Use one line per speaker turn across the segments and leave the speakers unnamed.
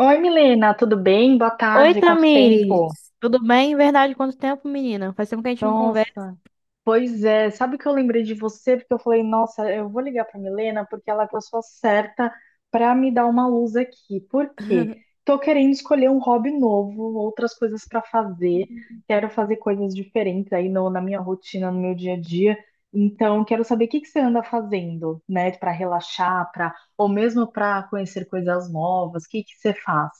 Oi, Milena, tudo bem? Boa
Oi,
tarde, quanto tempo?
Tamires. Tudo bem? Verdade, quanto tempo, menina? Faz tempo que a gente não conversa.
Nossa, pois é, sabe que eu lembrei de você porque eu falei, nossa, eu vou ligar para Milena porque ela é a pessoa certa para me dar uma luz aqui. Por quê? Tô querendo escolher um hobby novo, outras coisas para fazer. Quero fazer coisas diferentes aí na minha rotina, no meu dia a dia. Então, quero saber o que que você anda fazendo, né, para relaxar, para ou mesmo para conhecer coisas novas. O que que você faz?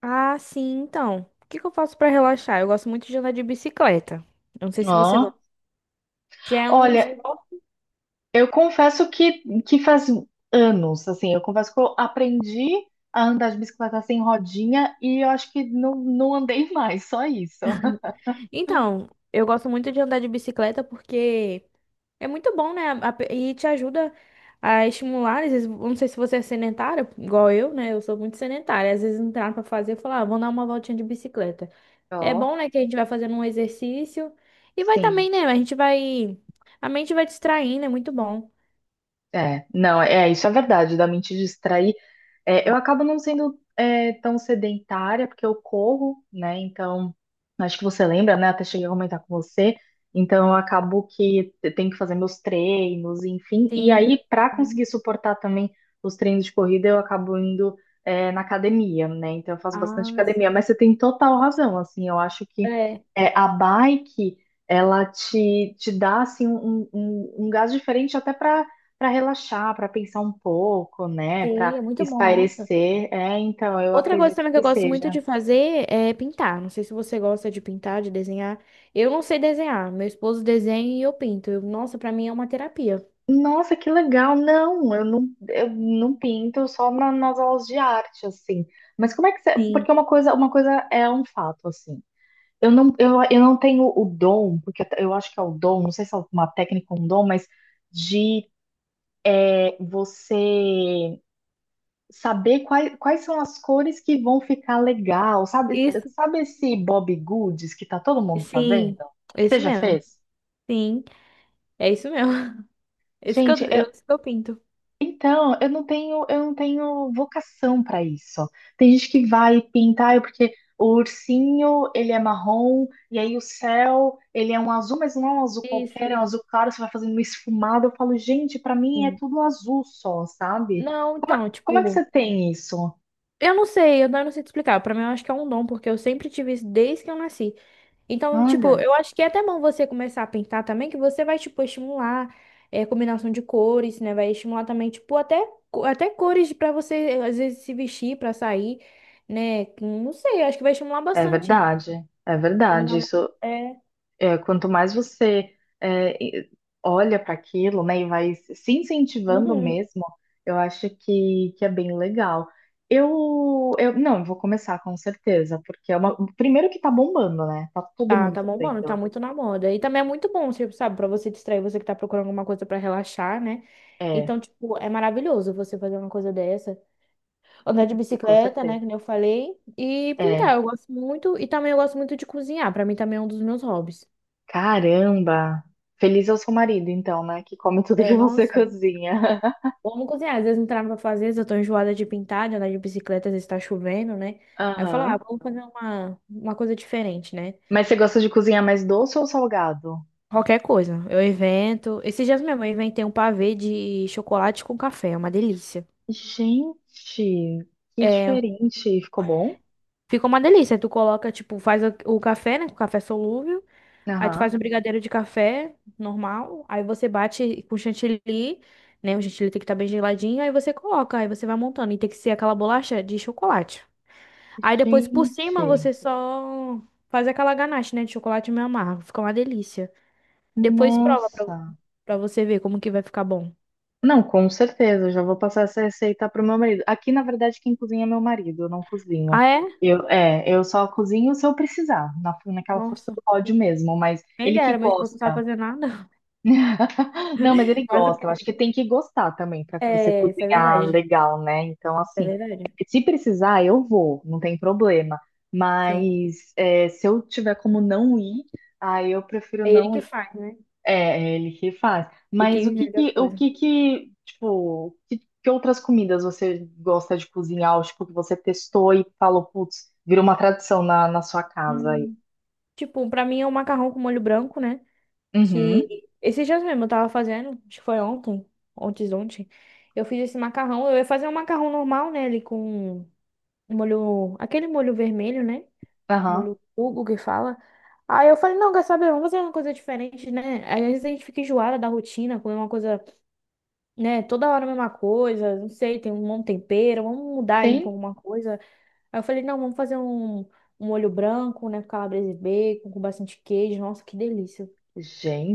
Ah, sim, então. O que que eu faço pra relaxar? Eu gosto muito de andar de bicicleta. Eu não sei se você
Ó,
gosta. Já é um
olha,
esporte.
eu confesso que faz anos, assim, eu confesso que eu aprendi a andar de bicicleta sem rodinha e eu acho que não, não andei mais, só isso.
Então, eu gosto muito de andar de bicicleta porque é muito bom, né? E te ajuda a estimular. Às vezes, eu não sei se você é sedentária, igual eu, né? Eu sou muito sedentária. Às vezes não tem nada pra fazer, eu falo, ah, vou dar uma voltinha de bicicleta. É
Ó,
bom, né, que a gente vai fazendo um exercício e vai também,
sim,
né, a mente vai distraindo, é muito bom.
é, não, é, isso é verdade, da mente distrair. É, eu acabo não sendo tão sedentária, porque eu corro, né? Então, acho que você lembra, né? Até cheguei a comentar com você. Então, eu acabo que eu tenho que fazer meus treinos, enfim. E
Sim.
aí, para
Sim.
conseguir suportar também os treinos de corrida, eu acabo indo na academia, né? Então, eu faço bastante
Ah, sim.
academia. Mas você tem total razão, assim. Eu acho que
É,
a bike, ela te dá, assim, um gás diferente até para relaxar, para pensar um pouco, né? Para
sim, é muito bom, nossa.
espairecer, então, eu
Outra coisa
acredito
também que
que
eu gosto muito
seja.
de fazer é pintar. Não sei se você gosta de pintar, de desenhar. Eu não sei desenhar. Meu esposo desenha e eu pinto. Nossa, pra mim é uma terapia.
Nossa, que legal! Não, eu não pinto só nas aulas de arte, assim. Mas como é que você.
Sim.
Porque uma coisa é um fato, assim. Eu não tenho o dom, porque eu acho que é o dom, não sei se é uma técnica ou um dom, mas de você saber quais são as cores que vão ficar legal. Sabe,
Isso.
sabe esse Bob Goods que tá todo mundo fazendo?
Sim.
Você
Isso
já
mesmo.
fez?
Sim. É isso mesmo. Isso que
Gente,
isso que eu pinto.
então, eu não tenho vocação para isso. Tem gente que vai pintar, é porque o ursinho, ele é marrom, e aí o céu, ele é um azul, mas não é um azul qualquer, é um
Isso.
azul claro, você vai fazendo uma esfumada. Eu falo, gente, para mim é
Sim.
tudo azul só, sabe?
Não,
Como, é,
então,
como é que você
tipo,
tem isso?
Eu não sei te explicar. Pra mim, eu acho que é um dom, porque eu sempre tive isso desde que eu nasci. Então, tipo,
Olha,
eu acho que é até bom você começar a pintar também, que você vai, tipo, estimular combinação de cores, né? Vai estimular também, tipo, até, até cores pra você, às vezes, se vestir pra sair, né? Não sei, eu acho que vai estimular
é
bastante.
verdade, é verdade.
Combinar uma...
Isso
É.
é, quanto mais você é, e- olha para aquilo, né, e vai se incentivando
Uhum.
mesmo, eu acho que é bem legal. Não, eu vou começar com certeza, porque é uma, primeiro que tá bombando, né? Tá todo
Tá,
mundo
tá bom, mano, tá
fazendo.
muito na moda. E também é muito bom, tipo, sabe, pra você distrair, você que tá procurando alguma coisa pra relaxar, né?
É,
Então, tipo, é maravilhoso você fazer uma coisa dessa. Andar de
com
bicicleta,
certeza.
né, que nem eu falei. E
É,
pintar, eu gosto muito. E também eu gosto muito de cozinhar. Pra mim também é um dos meus hobbies.
caramba. Feliz é o seu marido, então, né, que come tudo
É,
que você
nossa,
cozinha.
vamos cozinhar. Às vezes não tem nada pra fazer, às vezes eu tô enjoada de pintar, de andar de bicicleta, às vezes tá chovendo, né? Aí eu falo, ah,
Aham.
vamos fazer uma coisa diferente, né?
Mas você gosta de cozinhar mais doce ou salgado?
Qualquer coisa. Eu invento. Esses dias mesmo eu inventei um pavê de chocolate com café, é uma delícia.
Gente, que
É,
diferente. Ficou bom?
fica uma delícia. Tu coloca, tipo, faz o café, né? O café solúvel. Aí tu faz
Aham.
um brigadeiro de café normal, aí você bate com chantilly, né? O chantilly tem que estar bem geladinho, aí você coloca, aí você vai montando e tem que ser aquela bolacha de chocolate. Aí depois por cima
Gente,
você só faz aquela ganache, né, de chocolate meio amargo, fica uma delícia. Depois prova pra,
nossa.
pra você ver como que vai ficar bom.
Não, com certeza, eu já vou passar essa receita pro meu marido. Aqui, na verdade, quem cozinha é meu marido, eu não cozinho.
Ah, é?
Eu só cozinho se eu precisar, naquela força
Nossa,
do ódio mesmo, mas
quem
ele que
dera, meu esposo não sabe
gosta.
fazer nada.
Não, mas ele
Mas o
gosta, eu acho
quê?
que tem que gostar também para você
É, isso é verdade.
cozinhar
Isso
legal, né? Então,
é
assim,
verdade.
se precisar, eu vou, não tem problema.
Sim.
Mas é, se eu tiver como não ir, aí eu prefiro
É ele
não
que
ir.
faz, né?
É, é ele que faz.
E que
Mas o que
inventa as
que, o
coisas.
que que, tipo, que outras comidas você gosta de cozinhar? Ou, tipo, que você testou e falou, putz, virou uma tradição na sua casa aí.
Hum. Tipo, pra mim é um macarrão com molho branco, né? Que
Uhum,
esses dias mesmo eu tava fazendo, acho que foi ontem, ontem. Eu fiz esse macarrão, eu ia fazer um macarrão normal, né? Ali com um molho, aquele molho vermelho, né?
aham,
Molho Hugo que fala. Aí eu falei, não, quer saber? Vamos fazer uma coisa diferente, né? Às vezes a gente fica enjoada da rotina, comer uma coisa, né? Toda hora a mesma coisa, não sei, tem um monte de tempero, vamos mudar aí um
sim.
pouco uma coisa. Aí eu falei, não, vamos fazer um molho branco, né? Com calabresa e bacon, com bastante queijo. Nossa, que delícia.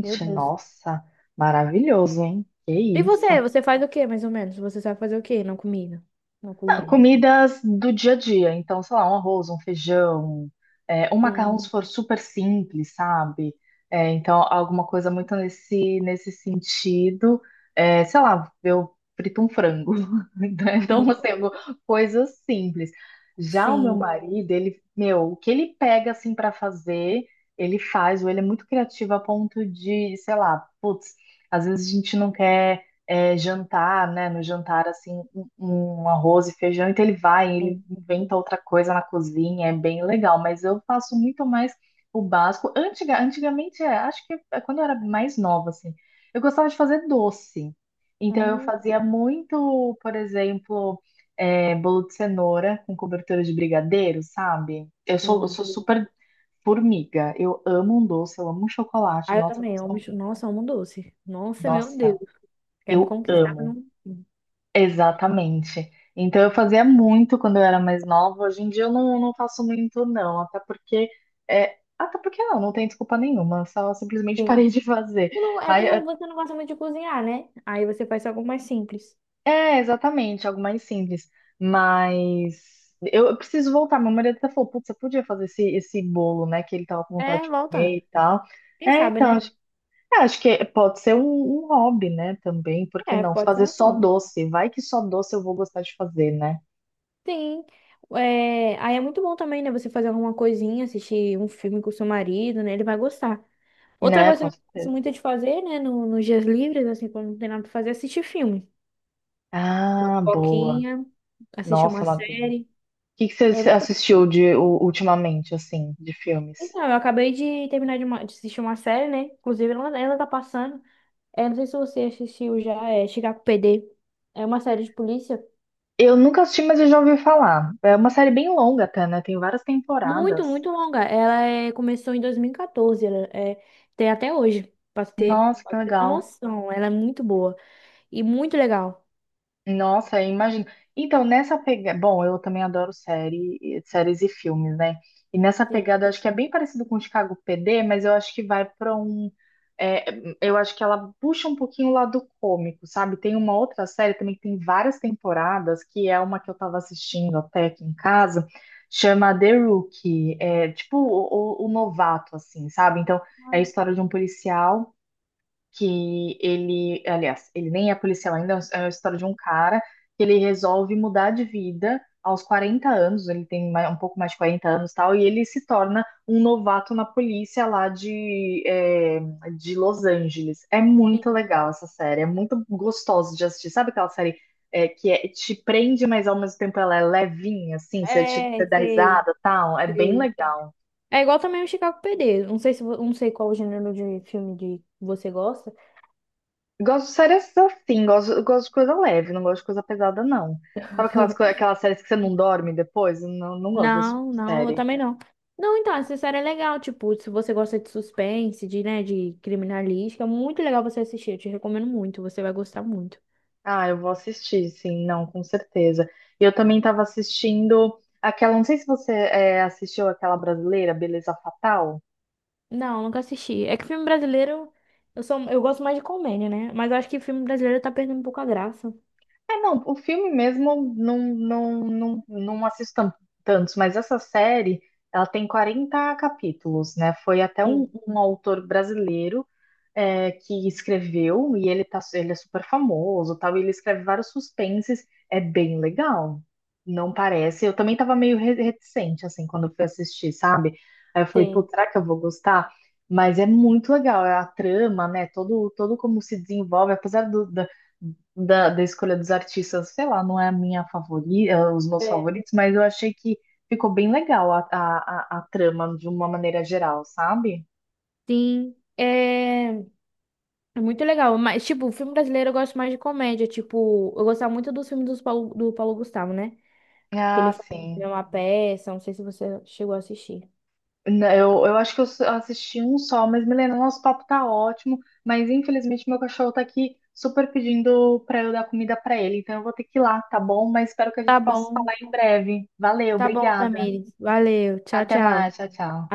Meu Deus.
nossa, maravilhoso, hein? Que
E
isso.
você? Você faz o quê, mais ou menos? Você sabe fazer o quê na comida? Na cozinha?
Comidas do dia a dia, então, sei lá, um arroz, um feijão, um macarrão
Sim.
se for super simples, sabe? É, então, alguma coisa muito nesse sentido. É, sei lá, eu frito um frango. Então, assim, coisas simples. Já o meu
Sim.
marido, ele, meu, o que ele pega, assim, para fazer, ele faz, ou ele é muito criativo a ponto de, sei lá, putz, às vezes a gente não quer jantar, né? No jantar, assim, um arroz e feijão, então ele
Sim.
inventa outra coisa na cozinha, é bem legal, mas eu faço muito mais o básico. Antigamente, acho que é quando eu era mais nova, assim, eu gostava de fazer doce. Então eu
Hum,
fazia muito, por exemplo, bolo de cenoura com cobertura de brigadeiro, sabe? Eu sou, eu
sim.
sou super formiga, eu amo um doce, eu amo um chocolate,
Ah, eu
nossa,
também. Nossa, amo doce. Nossa, meu
nossa,
Deus. Quer me
eu
conquistar pra
amo.
não...
Exatamente. Então eu fazia muito quando eu era mais nova. Hoje em dia eu não, não faço muito, não. Até porque. É, até porque não, não tem desculpa nenhuma. Só simplesmente
Sim.
parei de fazer.
É que
Aí,
não, você não gosta muito de cozinhar, né? Aí você faz algo mais simples.
exatamente, algo mais simples. Mas eu preciso voltar. Meu marido até falou, putz, você podia fazer esse bolo, né? Que ele tava com vontade
É,
de
volta.
comer e tal.
Quem
É,
sabe,
então,
né?
acho que pode ser um hobby, né? Também, por que
É,
não?
pode ser
Fazer
um
só
hobby.
doce. Vai que só doce eu vou gostar de fazer, né?
Sim. É, aí é muito bom também, né? Você fazer alguma coisinha, assistir um filme com seu marido, né? Ele vai gostar. Outra
Né,
coisa
com
que eu
certeza.
gosto muito de fazer, né? No, Nos dias livres, assim, quando não tem nada pra fazer, é assistir filme. Uma
Ah, boa.
pipoquinha, assistir
Nossa,
uma
Matheus. O
série.
que que
É
você
muito bom.
assistiu de ultimamente, assim, de filmes?
Então, eu acabei de terminar de, de assistir uma série, né? Inclusive, ela tá passando. É, não sei se você assistiu já, é Chicago PD. É uma série de polícia.
Eu nunca assisti, mas eu já ouvi falar. É uma série bem longa até, né? Tem várias
Muito,
temporadas.
muito longa. Começou em 2014, ela é, tem até hoje,
Nossa,
pra
que
você ter uma
legal.
noção. Ela é muito boa e muito legal.
Nossa, eu imagino. Então, nessa pegada. Bom, eu também adoro série, séries e filmes, né? E nessa
Sim,
pegada, eu acho que é bem parecido com o Chicago PD, mas eu acho que vai para um. é, eu acho que ela puxa um pouquinho o lado cômico, sabe? Tem uma outra série também que tem várias temporadas, que é uma que eu tava assistindo até aqui em casa, chama The Rookie. É tipo o novato, assim, sabe? Então, é a história de um policial que ele, aliás, ele nem é policial ainda, é a história de um cara que ele resolve mudar de vida aos 40 anos, ele tem um pouco mais de 40 anos, e tal, e ele se torna um novato na polícia lá de Los Angeles. É muito
sim.
legal essa série, é muito gostoso de assistir. Sabe aquela série que te prende, mas ao mesmo tempo ela é levinha, assim,
É,
você dá risada, e tal, é bem
sei.
legal.
É igual também o Chicago PD. Não sei se, não sei qual o gênero de filme de você gosta.
Gosto de séries assim, gosto de coisa leve, não gosto de coisa pesada, não. Sabe aquelas séries que você não dorme depois? Eu não gosto desse tipo
Não,
de
não, eu
série.
também não. Não, então, essa série é legal, tipo, se você gosta de suspense, de, né, de criminalística, é muito legal você assistir, eu te recomendo muito, você vai gostar muito.
Ah, eu vou assistir, sim, não, com certeza. Eu também estava assistindo aquela, não sei se você assistiu aquela brasileira, Beleza Fatal.
Não, nunca assisti. É que filme brasileiro, eu gosto mais de comédia, né? Mas eu acho que filme brasileiro tá perdendo um pouco a graça.
É, não, o filme mesmo não assisto tantos, mas essa série, ela tem 40 capítulos, né? Foi até um,
Sim.
um autor brasileiro que escreveu, e ele, tá, ele é super famoso, tal, e ele escreve vários suspenses, é bem legal. Não parece. Eu também tava meio reticente, assim, quando eu fui assistir, sabe? Aí eu falei,
Sim.
pô, será que eu vou gostar? Mas é muito legal, é a trama, né? Todo como se desenvolve, apesar da escolha dos artistas, sei lá, não é a minha favorita, os meus
É.
favoritos, mas eu achei que ficou bem legal a trama de uma maneira geral, sabe?
Sim, é, é muito legal. Mas, tipo, filme brasileiro eu gosto mais de comédia. Tipo, eu gostava muito dos filmes dos Paulo, do Paulo Gustavo, né? Que ele
Ah,
fazia
sim.
uma peça. Não sei se você chegou a assistir.
Né. Eu acho que eu assisti um só, mas Milena, nosso papo tá ótimo, mas infelizmente meu cachorro tá aqui super pedindo pra eu dar comida pra ele, então eu vou ter que ir lá, tá bom? Mas espero que a
Tá
gente possa
bom,
falar em breve. Valeu,
tá bom,
obrigada.
Tamires. Valeu, tchau,
Até
tchau.
mais, tchau, tchau.